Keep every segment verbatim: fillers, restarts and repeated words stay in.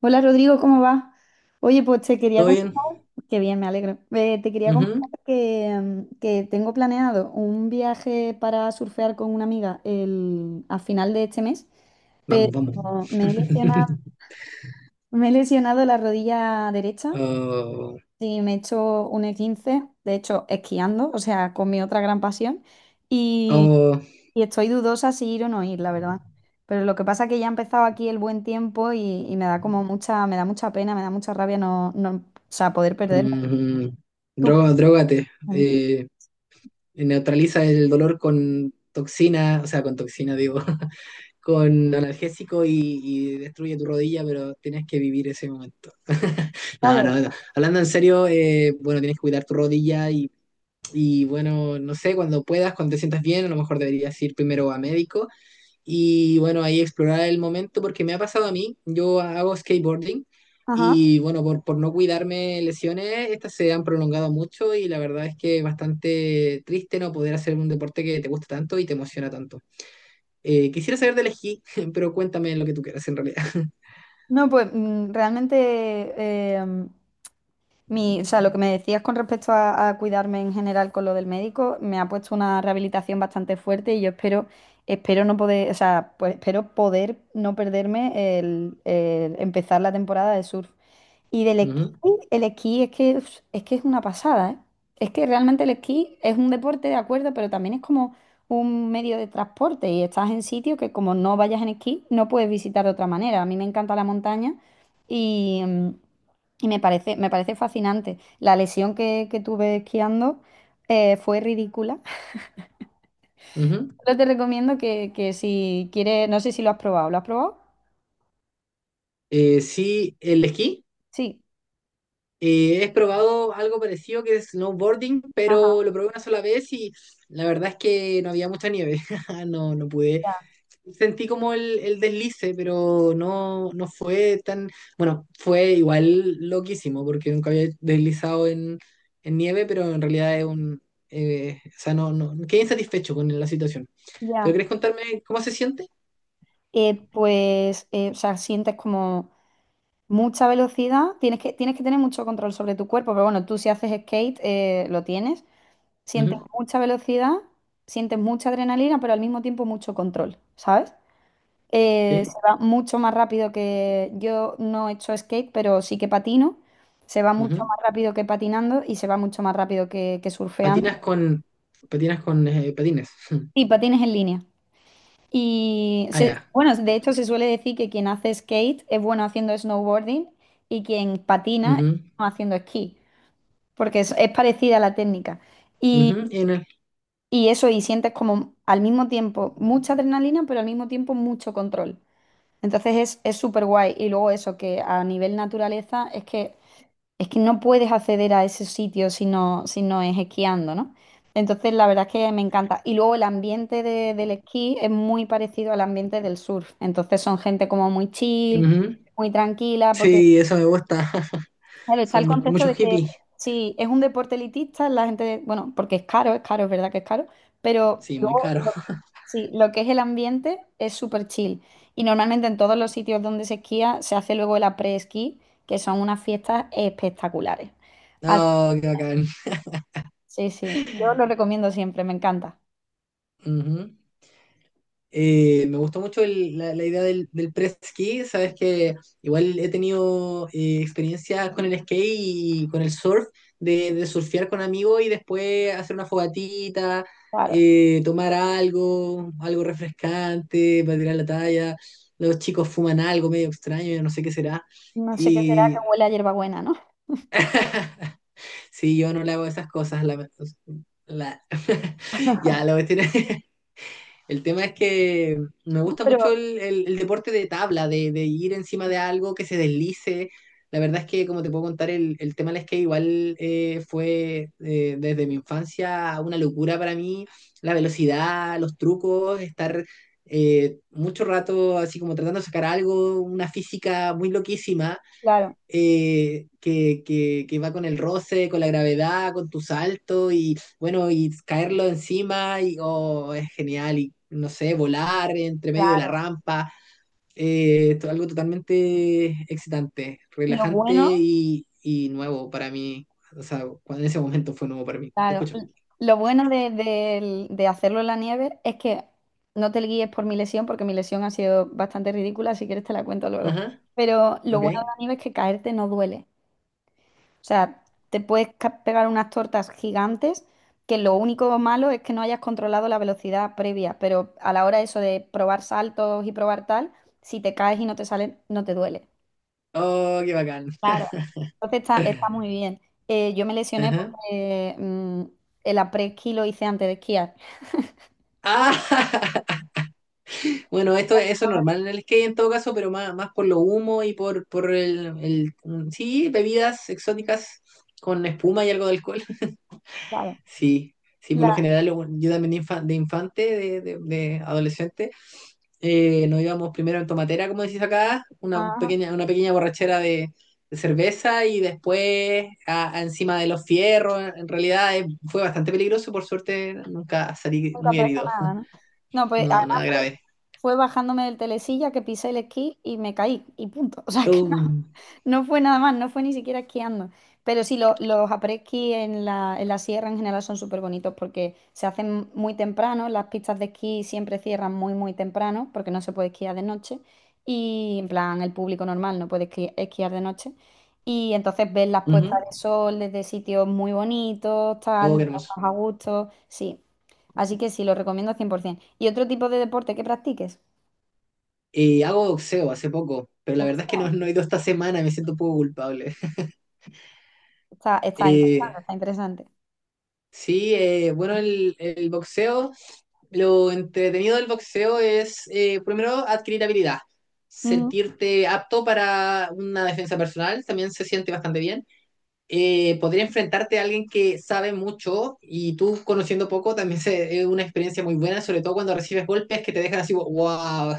Hola Rodrigo, ¿cómo va? Oye, pues te quería ¿Todo comentar, bien? qué bien, me alegro. Eh, te quería comentar Ujú. que, mm, que tengo planeado un viaje para surfear con una amiga el, a final de este mes. Vamos, vamos. Como me he lesionado, me he lesionado la rodilla derecha Oh, y me he hecho un E quince, de hecho, esquiando, o sea, con mi otra gran pasión. oh, Y estoy dudosa si ir o no ir, la verdad. Pero lo que pasa es que ya ha empezado aquí el buen tiempo y, y me da como mucha, me da mucha pena, me da mucha rabia no, no, o sea, poder perderme. mm, ¿Tú qué? droga, drógate. Eh, neutraliza el dolor con toxina, o sea, con toxina, digo, con analgésico y, y destruye tu rodilla, pero tienes que vivir ese momento. No, no, Vale. no. Hablando en serio, eh, bueno, tienes que cuidar tu rodilla y, y, bueno, no sé, cuando puedas, cuando te sientas bien, a lo mejor deberías ir primero a médico. Y bueno, ahí explorar el momento porque me ha pasado a mí, yo hago skateboarding Ajá. y bueno, por, por no cuidarme lesiones, estas se han prolongado mucho y la verdad es que es bastante triste no poder hacer un deporte que te gusta tanto y te emociona tanto. Eh, quisiera saber del esquí, pero cuéntame lo que tú quieras en realidad. No, pues mm, realmente em, mi, o sea, lo que me decías con respecto a, a cuidarme en general con lo del médico, me ha puesto una rehabilitación bastante fuerte y yo espero, espero no poder, o sea, pues espero poder no perderme el, el empezar la temporada de surf. Y del esquí, Ujú, el esquí es que, uf, es que es una pasada, ¿eh? Es que realmente el esquí es un deporte, de acuerdo, pero también es como un medio de transporte y estás en sitios que como no vayas en esquí, no puedes visitar de otra manera. A mí me encanta la montaña y, mm, y me parece, me parece fascinante. La lesión que, que tuve esquiando eh, fue ridícula. ujú. Pero te recomiendo que, que si quieres, no sé si lo has probado. ¿Lo has probado? Eh, sí, el esquí. Sí. Eh, he probado algo parecido que es snowboarding, pero Ajá, lo probé una sola vez y la verdad es que no había mucha nieve. No, no pude. Sentí como el, el deslice, pero no, no fue tan, bueno, fue igual loquísimo, porque nunca había deslizado en, en nieve, pero en realidad es un, eh, o sea, no, no, quedé insatisfecho con la situación. ¿Pero ya. querés contarme cómo se siente? Eh, pues, eh, o sea, sientes como mucha velocidad, tienes que, tienes que tener mucho control sobre tu cuerpo, pero bueno, tú si haces skate, eh, lo tienes, sientes Ujú. mucha velocidad, sientes mucha adrenalina, pero al mismo tiempo mucho control, ¿sabes? Eh, se Sí, va mucho más rápido que yo no he hecho skate, pero sí que patino, se va mucho ujú. más rápido que patinando y se va mucho más rápido que, que Patinas surfeando con, patinas con eh, patines. y patines en línea. Y Ah, se- ya. Bueno, de hecho se suele decir que quien hace skate es bueno haciendo snowboarding y quien patina es Ujú, bueno haciendo esquí, porque es, es parecida la técnica. Y, ujú, y en el- y eso, y sientes como al mismo tiempo mucha adrenalina, pero al mismo tiempo mucho control. Entonces es, es súper guay. Y luego eso, que a nivel naturaleza es que es que no puedes acceder a ese sitio si no, si no es esquiando, ¿no? Entonces, la verdad es que me encanta. Y luego el ambiente de- del esquí es muy parecido al ambiente del surf. Entonces, son gente como muy chill, ujú. muy tranquila, porque, Sí, eso me gusta. claro, está Son el mu- concepto muchos de que hippies. si es un deporte elitista, la gente, bueno, porque es caro, es caro, es verdad que es caro, pero Sí, muy luego caro. lo- sí, lo que es el ambiente es súper chill. Y normalmente en todos los sitios donde se esquía se hace luego el après-esquí, que son unas fiestas espectaculares. No, qué bacán. Sí, sí, yo lo recomiendo siempre, me encanta. Ujú. Eh, me gustó mucho el- la, la idea del, del press ski, sabes que igual he tenido eh, experiencias con el skate y con el surf, de, de surfear con amigos y después hacer una fogatita, Claro, eh, tomar algo, algo refrescante para tirar la talla. Los chicos fuman algo medio extraño, yo no sé qué será. no sé qué será Y que huele a hierbabuena, ¿no? sí, yo no le hago esas cosas. La, la- ya, la cuestión es, el tema es que me gusta mucho Pero el, el- el deporte de tabla, de, de ir encima de algo que se deslice. La verdad es que, como te puedo contar, el, el tema del skate igual eh, fue eh, desde mi infancia una locura para mí. La velocidad, los trucos, estar eh, mucho rato así como tratando de sacar algo, una física muy loquísima claro, eh, que, que, que va con el roce, con la gravedad, con tu salto y bueno, y caerlo encima y oh, es genial y no sé, volar entre medio de la claro, rampa, eh, to- algo totalmente excitante, lo relajante bueno, y, y nuevo para mí. O sea, cuando en ese momento fue nuevo para mí. Te claro, escucho. lo bueno de, de de hacerlo en la nieve es que no te guíes por mi lesión, porque mi lesión ha sido bastante ridícula, si quieres te la cuento luego. Ajá, Pero lo ok. bueno de la nieve es que caerte no duele. O sea, te puedes ca- pegar unas tortas gigantes que lo único malo es que no hayas controlado la velocidad previa, pero a la hora eso de probar saltos y probar tal, si te caes y no te sale, no te duele. Oh, qué bacán. Claro. Entonces está, está muy bien. Eh, yo me lesioné Ajá. porque mm, el après-ski lo hice antes de esquiar. Ah, bueno, esto, eso es normal en el skate en todo caso, pero más, más por lo humo y por, por el, el- mm, sí, bebidas exóticas con espuma y algo de alcohol. Claro. Sí, sí, por La, lo general lo- yo también de, infa- de infante, de, de- de adolescente, eh, nos íbamos primero en tomatera, como decís acá, una ajá, pequeña, una pequeña borrachera de, de cerveza y después a- a encima de los fierros. En realidad eh, fue bastante peligroso, por suerte nunca salí nunca muy pasó herido. nada, ¿no? No, pues No, además nada fue, grave. Fue bajándome del telesilla que pisé el esquí y me caí y punto. O sea que no. Um, No fue nada más, No fue ni siquiera esquiando. Pero sí, lo- los après-ski en la, en la sierra en general son súper bonitos porque se hacen muy temprano, las pistas de esquí siempre cierran muy, muy temprano porque no se puede esquiar de noche y en plan el público normal no puede esqui- esquiar de noche. Y entonces ves las puestas ujú. de sol desde sitios muy bonitos, tal, Oh, qué mientras hermoso. estás a gusto, sí. Así que sí, lo recomiendo cien por ciento. ¿Y otro tipo de deporte que practiques? Eh, hago boxeo hace poco, pero la verdad es que Boxeo. no, no he ido esta semana, me siento un poco culpable. Está, está Eh, interesante, está interesante. sí, eh, bueno, el, el boxeo, lo entretenido del boxeo es, eh, primero, adquirir habilidad, Ujú. sentirte apto para una defensa personal, también se siente bastante bien. Eh, poder enfrentarte a alguien que sabe mucho y tú conociendo poco también se- es una experiencia muy buena, sobre todo cuando recibes golpes que te dejan así, wow.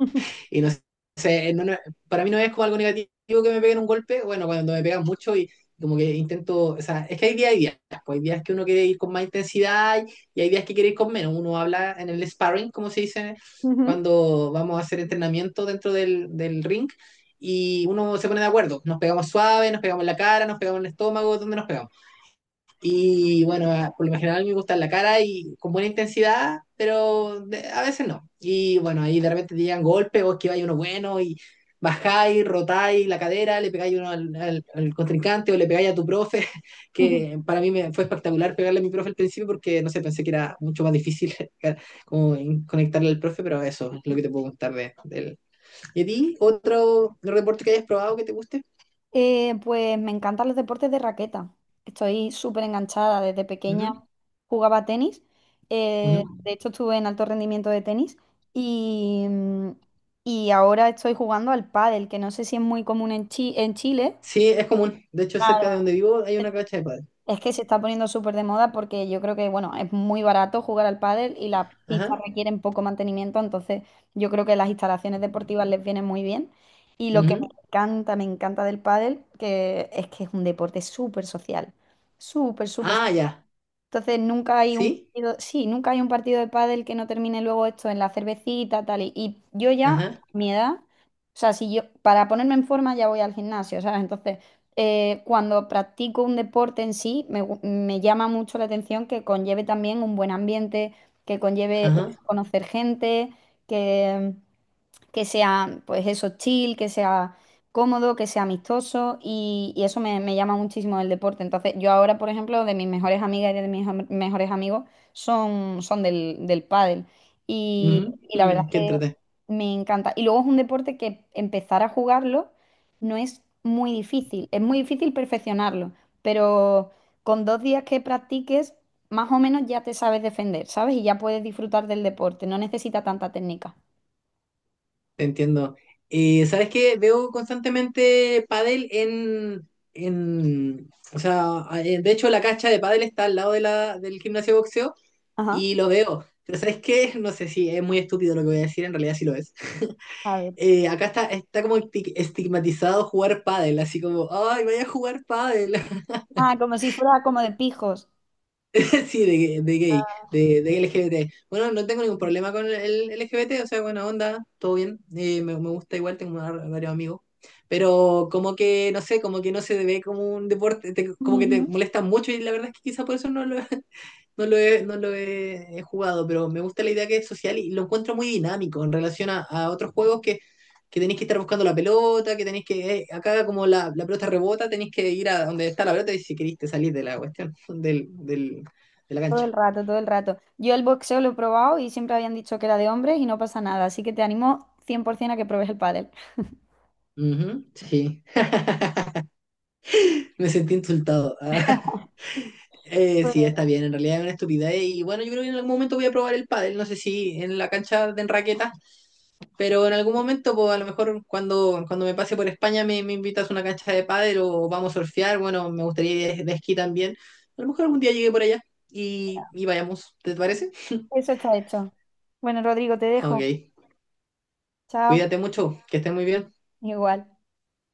Y no sé, no- no- para mí no es como algo negativo que me peguen un golpe, bueno, cuando me pegan mucho y como que intento, o sea, es que hay días y días, pues hay días que uno quiere ir con más intensidad y hay días que quiere ir con menos. Uno habla en el sparring, como se dice, Ujú. cuando vamos a hacer entrenamiento dentro del, del ring y uno se pone de acuerdo, nos pegamos suave, nos pegamos en la cara, nos pegamos en el estómago, ¿dónde nos pegamos? Y bueno, ah, por lo general me gusta en la cara y con buena intensidad, pero de- a veces no. Y bueno, ahí de repente te llegan golpes, vos esquiváis uno bueno y bajáis, rotáis la cadera, le pegáis uno al, al- al contrincante o le pegáis a tu profe, Ujú. que para mí me, fue espectacular pegarle a mi profe al principio porque no sé, pensé que era mucho más difícil. Como en- conectarle al profe, pero eso es lo que te puedo contar de, de él. ¿Y a ti? ¿Otro deporte que hayas probado que te guste? Eh, pues me encantan los deportes de raqueta. Estoy súper enganchada. Desde pequeña Ujú, jugaba tenis. Eh, ujú. De hecho, estuve en alto rendimiento de tenis. Y, mm, y ahora estoy jugando al pádel, que no sé si es muy común en Chi- en Chile. Sí, es común. De hecho, cerca de Claro. donde vivo hay una cancha de pádel. Es que se está poniendo súper de moda porque yo creo que, bueno, es muy barato jugar al pádel y las pistas Ajá. requieren poco mantenimiento, entonces yo creo que las instalaciones deportivas les vienen muy bien. Y lo que me Ujú. encanta, me encanta del pádel, que es que es un deporte súper social, súper, súper Ah, ya. entonces nunca hay un ¿Sí? partido, sí, nunca hay un partido de pádel que no termine luego esto en la cervecita, tal. Y, y yo ya, Ajá. mi edad, o sea, si yo, para ponerme en forma ya voy al gimnasio, ¿sabes? Entonces, eh, cuando practico un deporte en sí, me, gu- me llama mucho la atención que conlleve también un buen ambiente, que conlleve eh, Ajá. conocer gente, que que sea, pues eso, chill, que sea cómodo, que sea amistoso y, y eso me, me llama muchísimo el deporte. Entonces, yo ahora, por ejemplo, de mis mejores amigas y de mis am- mejores amigos son, son del, del pádel y, Ujú, y la verdad mm, es qué que entrete. me encanta. Y luego es un deporte que empezar a jugarlo no es muy difícil, es muy difícil perfeccionarlo, pero con dos días que practiques, más o menos ya te sabes defender, ¿sabes? Y ya puedes disfrutar del deporte, no necesita tanta técnica. Te entiendo. Eh, ¿sabes qué? Veo constantemente pádel en, en... O sea, eh, de hecho la cancha de pádel está al lado de la, del gimnasio de boxeo Ajá. y lo veo. Pero ¿sabes qué? No sé si es muy estúpido lo que voy a decir, en realidad sí lo es. A ver. Eh, acá está, está como esti- estigmatizado jugar pádel, así como, ay, vaya a jugar pádel. Ah, como si fuera como de pijos. Sí, de, de gay, de, de L G B T. Bueno, no tengo ningún problema con el L G B T, o sea, buena onda, todo bien. eh, me, me gusta igual, tengo var- varios amigos. Pero como que, no sé, como que no se ve como un deporte, te- como que te Ujú. molesta mucho y la verdad es que quizá por eso no lo, no lo he, no lo he, he jugado, pero me gusta la idea que es social y lo encuentro muy dinámico en relación a, a otros juegos que, que tenéis que estar buscando la pelota, que tenéis que, eh, acá como la, la pelota rebota, tenéis que ir a donde está la pelota y si queriste salir de la cuestión, del, del- de la Todo el cancha. rato, todo el rato. Yo el boxeo lo he probado y siempre habían dicho que era de hombres y no pasa nada, así que te animo cien por ciento a que pruebes el pádel. Ujú, sí, me sentí insultado. Eh, sí, Bueno, está bien, en realidad es una estupidez. Y bueno, yo creo que en algún momento voy a probar el pádel, no sé si en la cancha de raqueta, pero en algún momento, pues a lo mejor cuando, cuando me pase por España me, me invitas a una cancha de pádel o vamos a surfear, bueno, me gustaría ir de, de esquí también. A lo mejor algún día llegue por allá y, y vayamos, ¿te parece? eso está hecho. Bueno, Rodrigo, te Ok, dejo. Chao. cuídate mucho, que estés muy bien. Igual.